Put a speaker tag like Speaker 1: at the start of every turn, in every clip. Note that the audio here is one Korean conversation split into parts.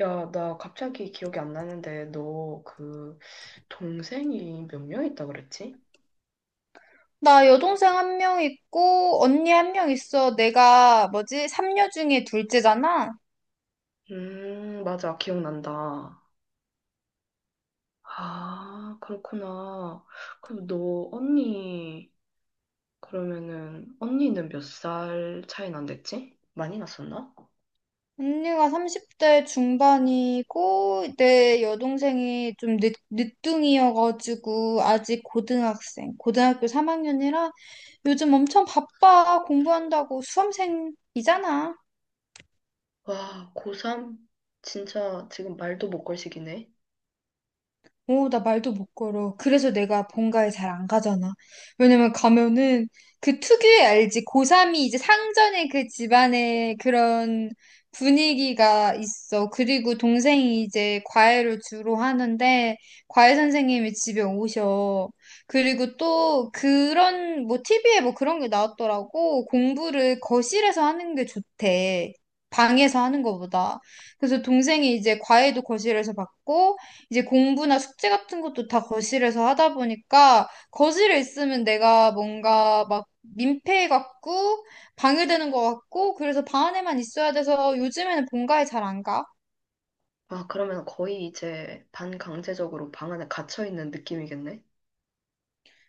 Speaker 1: 야, 나 갑자기 기억이 안 나는데, 너 그 동생이 몇 명 있다 그랬지?
Speaker 2: 나 여동생 한 명 있고, 언니 한 명 있어. 내가 뭐지? 삼녀 중에 둘째잖아?
Speaker 1: 맞아. 기억난다. 아, 그렇구나. 그럼 너 언니, 그러면은, 언니는 몇 살 차이 난댔지? 많이 났었나?
Speaker 2: 언니가 30대 중반이고, 내 여동생이 좀 늦둥이여가지고, 아직 고등학교 3학년이라 요즘 엄청 바빠. 공부한다고 수험생이잖아.
Speaker 1: 와, 고3? 진짜 지금 말도 못 걸 시기네.
Speaker 2: 오, 나 말도 못 걸어. 그래서 내가 본가에 잘 안 가잖아. 왜냐면 가면은 그 특유의 알지? 고3이 이제 상전의 그 집안의 그런 분위기가 있어. 그리고 동생이 이제 과외를 주로 하는데 과외 선생님이 집에 오셔. 그리고 또 그런 뭐 TV에 뭐 그런 게 나왔더라고. 공부를 거실에서 하는 게 좋대. 방에서 하는 것보다. 그래서 동생이 이제 과외도 거실에서 받고 이제 공부나 숙제 같은 것도 다 거실에서 하다 보니까 거실에 있으면 내가 뭔가 막 민폐 같고 방해되는 것 같고 그래서 방 안에만 있어야 돼서 요즘에는 본가에 잘 안 가.
Speaker 1: 아, 그러면 거의 이제 반강제적으로 방 안에 갇혀 있는 느낌이겠네?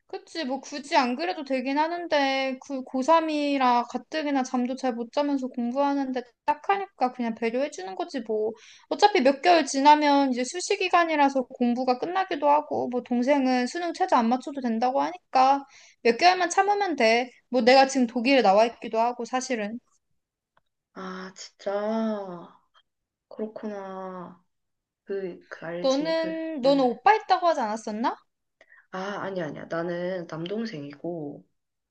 Speaker 2: 그치, 뭐 굳이 안 그래도 되긴 하는데, 그 고3이라 가뜩이나 잠도 잘 못 자면서 공부하는데 딱 하니까 그냥 배려해주는 거지, 뭐. 어차피 몇 개월 지나면 이제 수시 기간이라서 공부가 끝나기도 하고, 뭐 동생은 수능 최저 안 맞춰도 된다고 하니까 몇 개월만 참으면 돼. 뭐 내가 지금 독일에 나와 있기도 하고, 사실은.
Speaker 1: 아, 진짜. 그렇구나. 그 알지,
Speaker 2: 너는,
Speaker 1: 음.
Speaker 2: 너는 오빠 있다고 하지 않았었나?
Speaker 1: 아, 아니야, 아니야. 나는 남동생이고,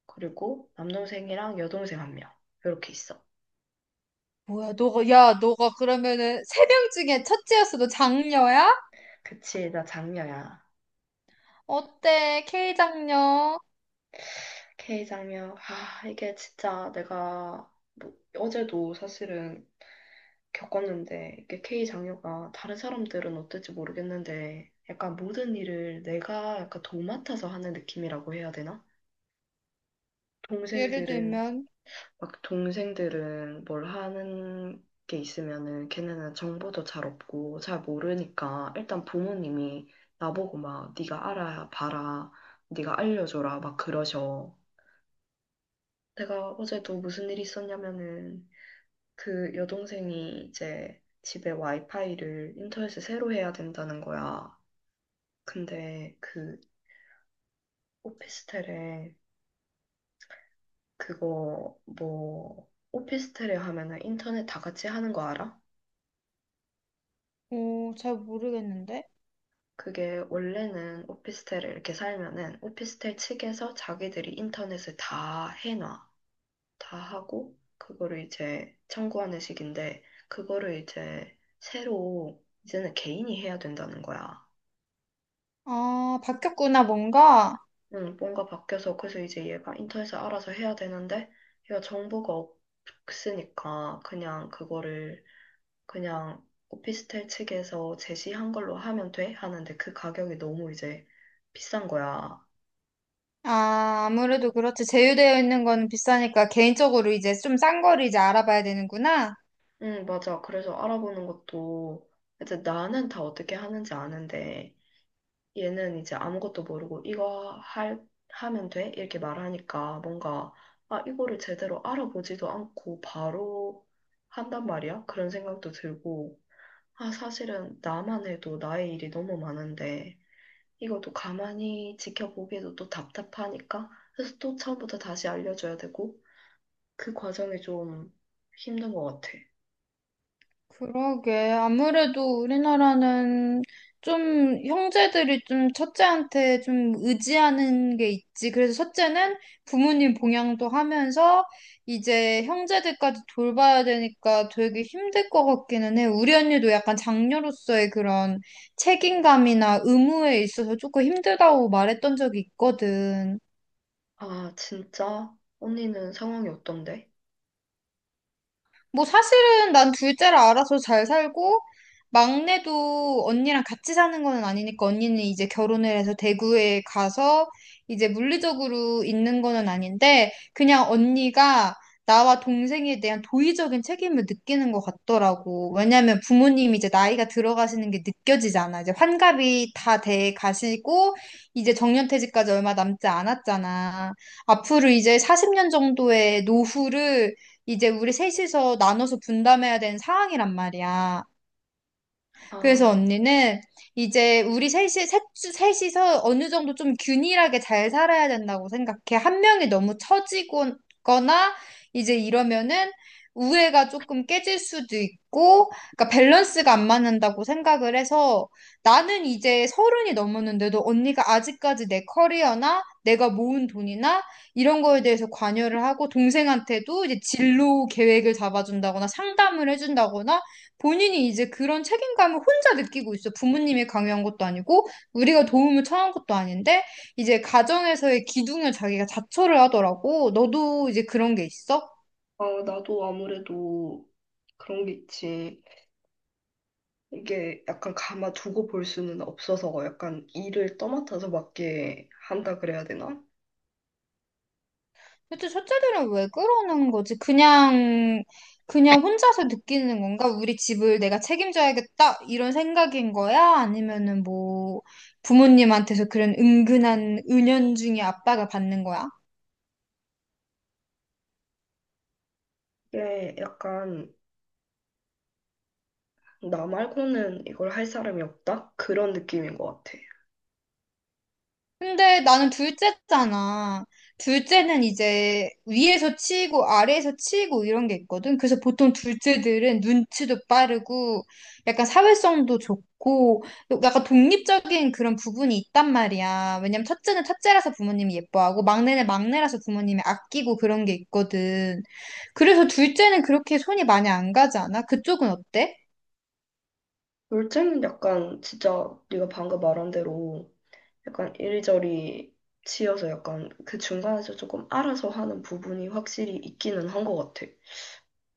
Speaker 1: 그리고 남동생이랑 여동생 한 명. 이렇게 있어.
Speaker 2: 뭐야, 너가 그러면은 세 명 중에 첫째였어. 너 장녀야?
Speaker 1: 그치, 나 장녀야.
Speaker 2: 어때, K 장녀?
Speaker 1: K 장녀. 아, 이게 진짜 내가, 뭐, 어제도 사실은 겪었는데, 이게 K 장녀가 다른 사람들은 어떨지 모르겠는데, 약간 모든 일을 내가 약간 도맡아서 하는 느낌이라고 해야 되나?
Speaker 2: 예를
Speaker 1: 동생들은
Speaker 2: 들면,
Speaker 1: 막 동생들은 뭘 하는 게 있으면은 걔네는 정보도 잘 없고 잘 모르니까 일단 부모님이 나보고 막 네가 알아 봐라 네가 알려줘라 막 그러셔. 내가 어제도 무슨 일이 있었냐면은 그 여동생이 이제 집에 와이파이를 인터넷을 새로 해야 된다는 거야. 근데 그 오피스텔에 그거 뭐 오피스텔에 하면은 인터넷 다 같이 하는 거 알아?
Speaker 2: 오, 잘 모르겠는데.
Speaker 1: 그게 원래는 오피스텔에 이렇게 살면은 오피스텔 측에서 자기들이 인터넷을 다 해놔. 다 하고, 그거를 이제 청구하는 식인데, 그거를 이제 새로 이제는 개인이 해야 된다는 거야.
Speaker 2: 아, 바뀌었구나, 뭔가.
Speaker 1: 응, 뭔가 바뀌어서, 그래서 이제 얘가 인터넷을 알아서 해야 되는데, 얘가 정보가 없으니까 그냥 그거를 그냥 오피스텔 측에서 제시한 걸로 하면 돼? 하는데 그 가격이 너무 이제 비싼 거야.
Speaker 2: 아, 아무래도 그렇지. 제휴되어 있는 건 비싸니까 개인적으로 이제 좀 싼 거를 이제 알아봐야 되는구나.
Speaker 1: 응, 맞아. 그래서 알아보는 것도, 이제 나는 다 어떻게 하는지 아는데, 얘는 이제 아무것도 모르고, 이거 할, 하면 돼? 이렇게 말하니까, 뭔가, 아, 이거를 제대로 알아보지도 않고, 바로 한단 말이야? 그런 생각도 들고, 아, 사실은 나만 해도 나의 일이 너무 많은데, 이것도 가만히 지켜보기에도 또 답답하니까, 그래서 또 처음부터 다시 알려줘야 되고, 그 과정이 좀 힘든 것 같아.
Speaker 2: 그러게. 아무래도 우리나라는 좀 형제들이 좀 첫째한테 좀 의지하는 게 있지. 그래서 첫째는 부모님 봉양도 하면서 이제 형제들까지 돌봐야 되니까 되게 힘들 것 같기는 해. 우리 언니도 약간 장녀로서의 그런 책임감이나 의무에 있어서 조금 힘들다고 말했던 적이 있거든.
Speaker 1: 아, 진짜? 언니는 상황이 어떤데?
Speaker 2: 뭐 사실은 난 둘째라 알아서 잘 살고 막내도 언니랑 같이 사는 거는 아니니까 언니는 이제 결혼을 해서 대구에 가서 이제 물리적으로 있는 거는 아닌데 그냥 언니가 나와 동생에 대한 도의적인 책임을 느끼는 것 같더라고. 왜냐면 부모님이 이제 나이가 들어가시는 게 느껴지잖아. 이제 환갑이 다 돼 가시고 이제 정년퇴직까지 얼마 남지 않았잖아. 앞으로 이제 40년 정도의 노후를 이제 우리 셋이서 나눠서 분담해야 되는 상황이란 말이야. 그래서
Speaker 1: 아,
Speaker 2: 언니는 이제 우리 셋이서 어느 정도 좀 균일하게 잘 살아야 된다고 생각해. 한 명이 너무 처지거나 이제 이러면은 우애가 조금 깨질 수도 있고, 그러니까 밸런스가 안 맞는다고 생각을 해서 나는 이제 서른이 넘었는데도 언니가 아직까지 내 커리어나 내가 모은 돈이나 이런 거에 대해서 관여를 하고 동생한테도 이제 진로 계획을 잡아준다거나 상담을 해준다거나 본인이 이제 그런 책임감을 혼자 느끼고 있어. 부모님이 강요한 것도 아니고, 우리가 도움을 청한 것도 아닌데, 이제 가정에서의 기둥을 자기가 자처를 하더라고. 너도 이제 그런 게 있어?
Speaker 1: 아, 나도 아무래도 그런 게 있지. 이게 약간 감아두고 볼 수는 없어서 약간 일을 떠맡아서 맡게 한다 그래야 되나?
Speaker 2: 근데 첫째들은 왜 그러는 거지? 그냥 혼자서 느끼는 건가? 우리 집을 내가 책임져야겠다. 이런 생각인 거야? 아니면은 뭐, 부모님한테서 그런 은근한 은연중에 압박을 받는 거야?
Speaker 1: 이게 약간 나 말고는 이걸 할 사람이 없다? 그런 느낌인 것 같아.
Speaker 2: 근데 나는 둘째잖아. 둘째는 이제 위에서 치고 아래에서 치고 이런 게 있거든. 그래서 보통 둘째들은 눈치도 빠르고 약간 사회성도 좋고 약간 독립적인 그런 부분이 있단 말이야. 왜냐면 첫째는 첫째라서 부모님이 예뻐하고 막내는 막내라서 부모님이 아끼고 그런 게 있거든. 그래서 둘째는 그렇게 손이 많이 안 가지 않아? 그쪽은 어때?
Speaker 1: 둘째는 약간 진짜 네가 방금 말한 대로 약간 이리저리 치여서 약간 그 중간에서 조금 알아서 하는 부분이 확실히 있기는 한 것 같아.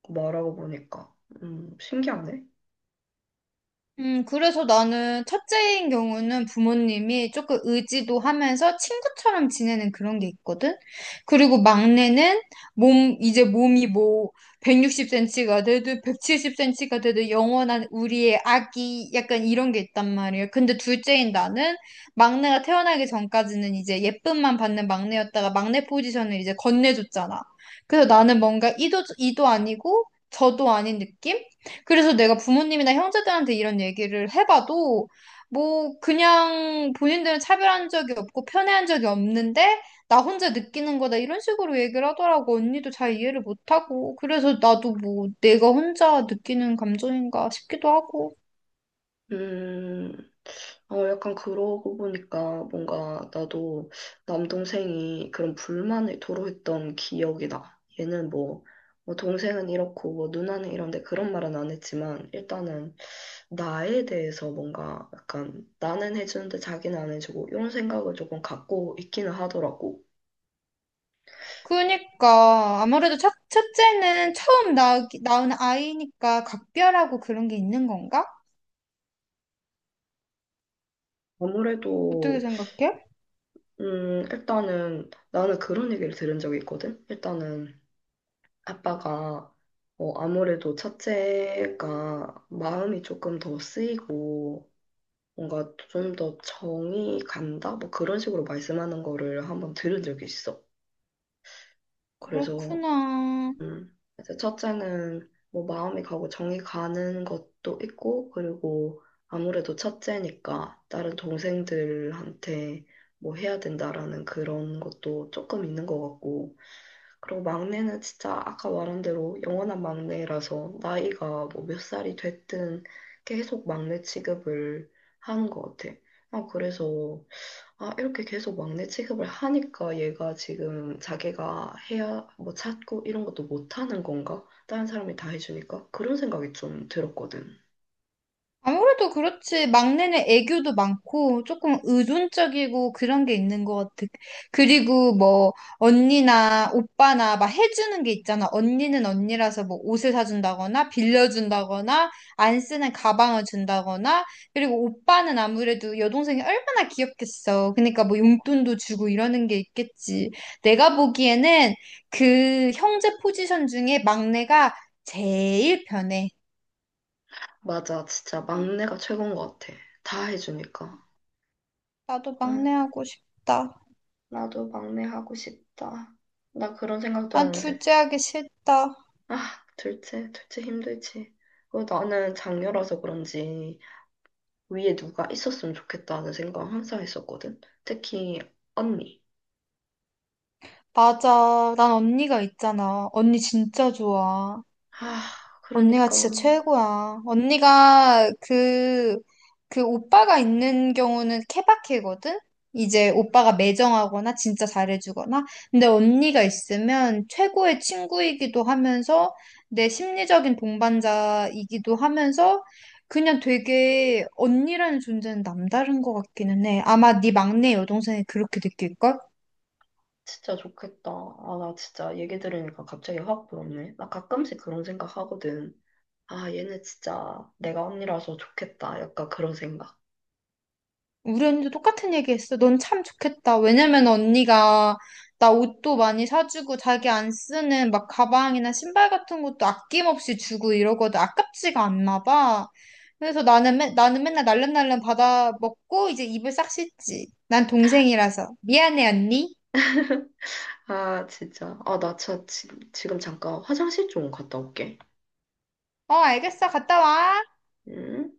Speaker 1: 말하고 보니까. 신기하네.
Speaker 2: 그래서 나는 첫째인 경우는 부모님이 조금 의지도 하면서 친구처럼 지내는 그런 게 있거든? 그리고 막내는 이제 몸이 뭐 160cm가 되든 170cm가 되든 영원한 우리의 아기 약간 이런 게 있단 말이야. 근데 둘째인 나는 막내가 태어나기 전까지는 이제 예쁨만 받는 막내였다가 막내 포지션을 이제 건네줬잖아. 그래서 나는 뭔가 이도 아니고 저도 아닌 느낌? 그래서 내가 부모님이나 형제들한테 이런 얘기를 해봐도 뭐 그냥 본인들은 차별한 적이 없고 편애한 적이 없는데 나 혼자 느끼는 거다 이런 식으로 얘기를 하더라고. 언니도 잘 이해를 못하고. 그래서 나도 뭐 내가 혼자 느끼는 감정인가 싶기도 하고.
Speaker 1: 음, 어, 약간 그러고 보니까 뭔가 나도 남동생이 그런 불만을 토로했던 기억이 나. 얘는 뭐, 뭐 동생은 이렇고 뭐 누나는 이런데 그런 말은 안 했지만 일단은 나에 대해서 뭔가 약간 나는 해주는데 자기는 안 해주고 이런 생각을 조금 갖고 있기는 하더라고.
Speaker 2: 그러니까 아무래도 첫째는 처음 낳은 아이니까 각별하고 그런 게 있는 건가? 어떻게
Speaker 1: 아무래도
Speaker 2: 생각해?
Speaker 1: 일단은 나는 그런 얘기를 들은 적이 있거든. 일단은 아빠가 어, 아무래도 첫째가 마음이 조금 더 쓰이고 뭔가 좀 더 정이 간다? 뭐 그런 식으로 말씀하는 거를 한번 들은 적이 있어. 그래서
Speaker 2: 그렇구나.
Speaker 1: 그래서 첫째는 뭐 마음이 가고 정이 가는 것도 있고, 그리고 아무래도 첫째니까 다른 동생들한테 뭐 해야 된다라는 그런 것도 조금 있는 것 같고, 그리고 막내는 진짜 아까 말한 대로 영원한 막내라서 나이가 뭐 몇 살이 됐든 계속 막내 취급을 하는 것 같아. 아, 그래서 아, 이렇게 계속 막내 취급을 하니까 얘가 지금 자기가 해야 뭐 찾고 이런 것도 못하는 건가? 다른 사람이 다 해주니까? 그런 생각이 좀 들었거든.
Speaker 2: 아무래도 그렇지. 막내는 애교도 많고, 조금 의존적이고 그런 게 있는 것 같아. 그리고 뭐, 언니나 오빠나 막 해주는 게 있잖아. 언니는 언니라서 뭐 옷을 사준다거나, 빌려준다거나, 안 쓰는 가방을 준다거나, 그리고 오빠는 아무래도 여동생이 얼마나 귀엽겠어. 그러니까 뭐 용돈도 주고 이러는 게 있겠지. 내가 보기에는 그 형제 포지션 중에 막내가 제일 편해.
Speaker 1: 맞아, 진짜 막내가 최고인 것 같아. 다 해주니까.
Speaker 2: 나도
Speaker 1: 아,
Speaker 2: 막내 하고 싶다.
Speaker 1: 나도 막내 하고 싶다. 나 그런 생각도
Speaker 2: 난
Speaker 1: 하는데.
Speaker 2: 둘째 하기 싫다.
Speaker 1: 아, 둘째, 둘째 힘들지. 그리고 나는 장녀라서 그런지 위에 누가 있었으면 좋겠다는 생각 항상 했었거든. 특히 언니.
Speaker 2: 맞아. 난 언니가 있잖아. 언니 진짜 좋아.
Speaker 1: 아,
Speaker 2: 언니가
Speaker 1: 그러니까.
Speaker 2: 진짜 최고야. 그 오빠가 있는 경우는 케바케거든? 이제 오빠가 매정하거나 진짜 잘해주거나. 근데 언니가 있으면 최고의 친구이기도 하면서 내 심리적인 동반자이기도 하면서 그냥 되게 언니라는 존재는 남다른 것 같기는 해. 아마 네 막내 여동생이 그렇게 느낄걸?
Speaker 1: 진짜 좋겠다. 아, 나 진짜 얘기 들으니까 갑자기 확 부럽네. 나 가끔씩 그런 생각 하거든. 아, 얘네 진짜 내가 언니라서 좋겠다. 약간 그런 생각.
Speaker 2: 우리 언니도 똑같은 얘기 했어. 넌 참 좋겠다. 왜냐면 언니가 나 옷도 많이 사주고 자기 안 쓰는 막 가방이나 신발 같은 것도 아낌없이 주고 이러거든. 아깝지가 않나 봐. 그래서 나는 맨날 날름날름 받아 먹고 이제 입을 싹 씻지. 난 동생이라서. 미안해, 언니.
Speaker 1: 아, 진짜. 아, 나 지금 잠깐 화장실 좀 갔다 올게.
Speaker 2: 어, 알겠어. 갔다 와.
Speaker 1: 응?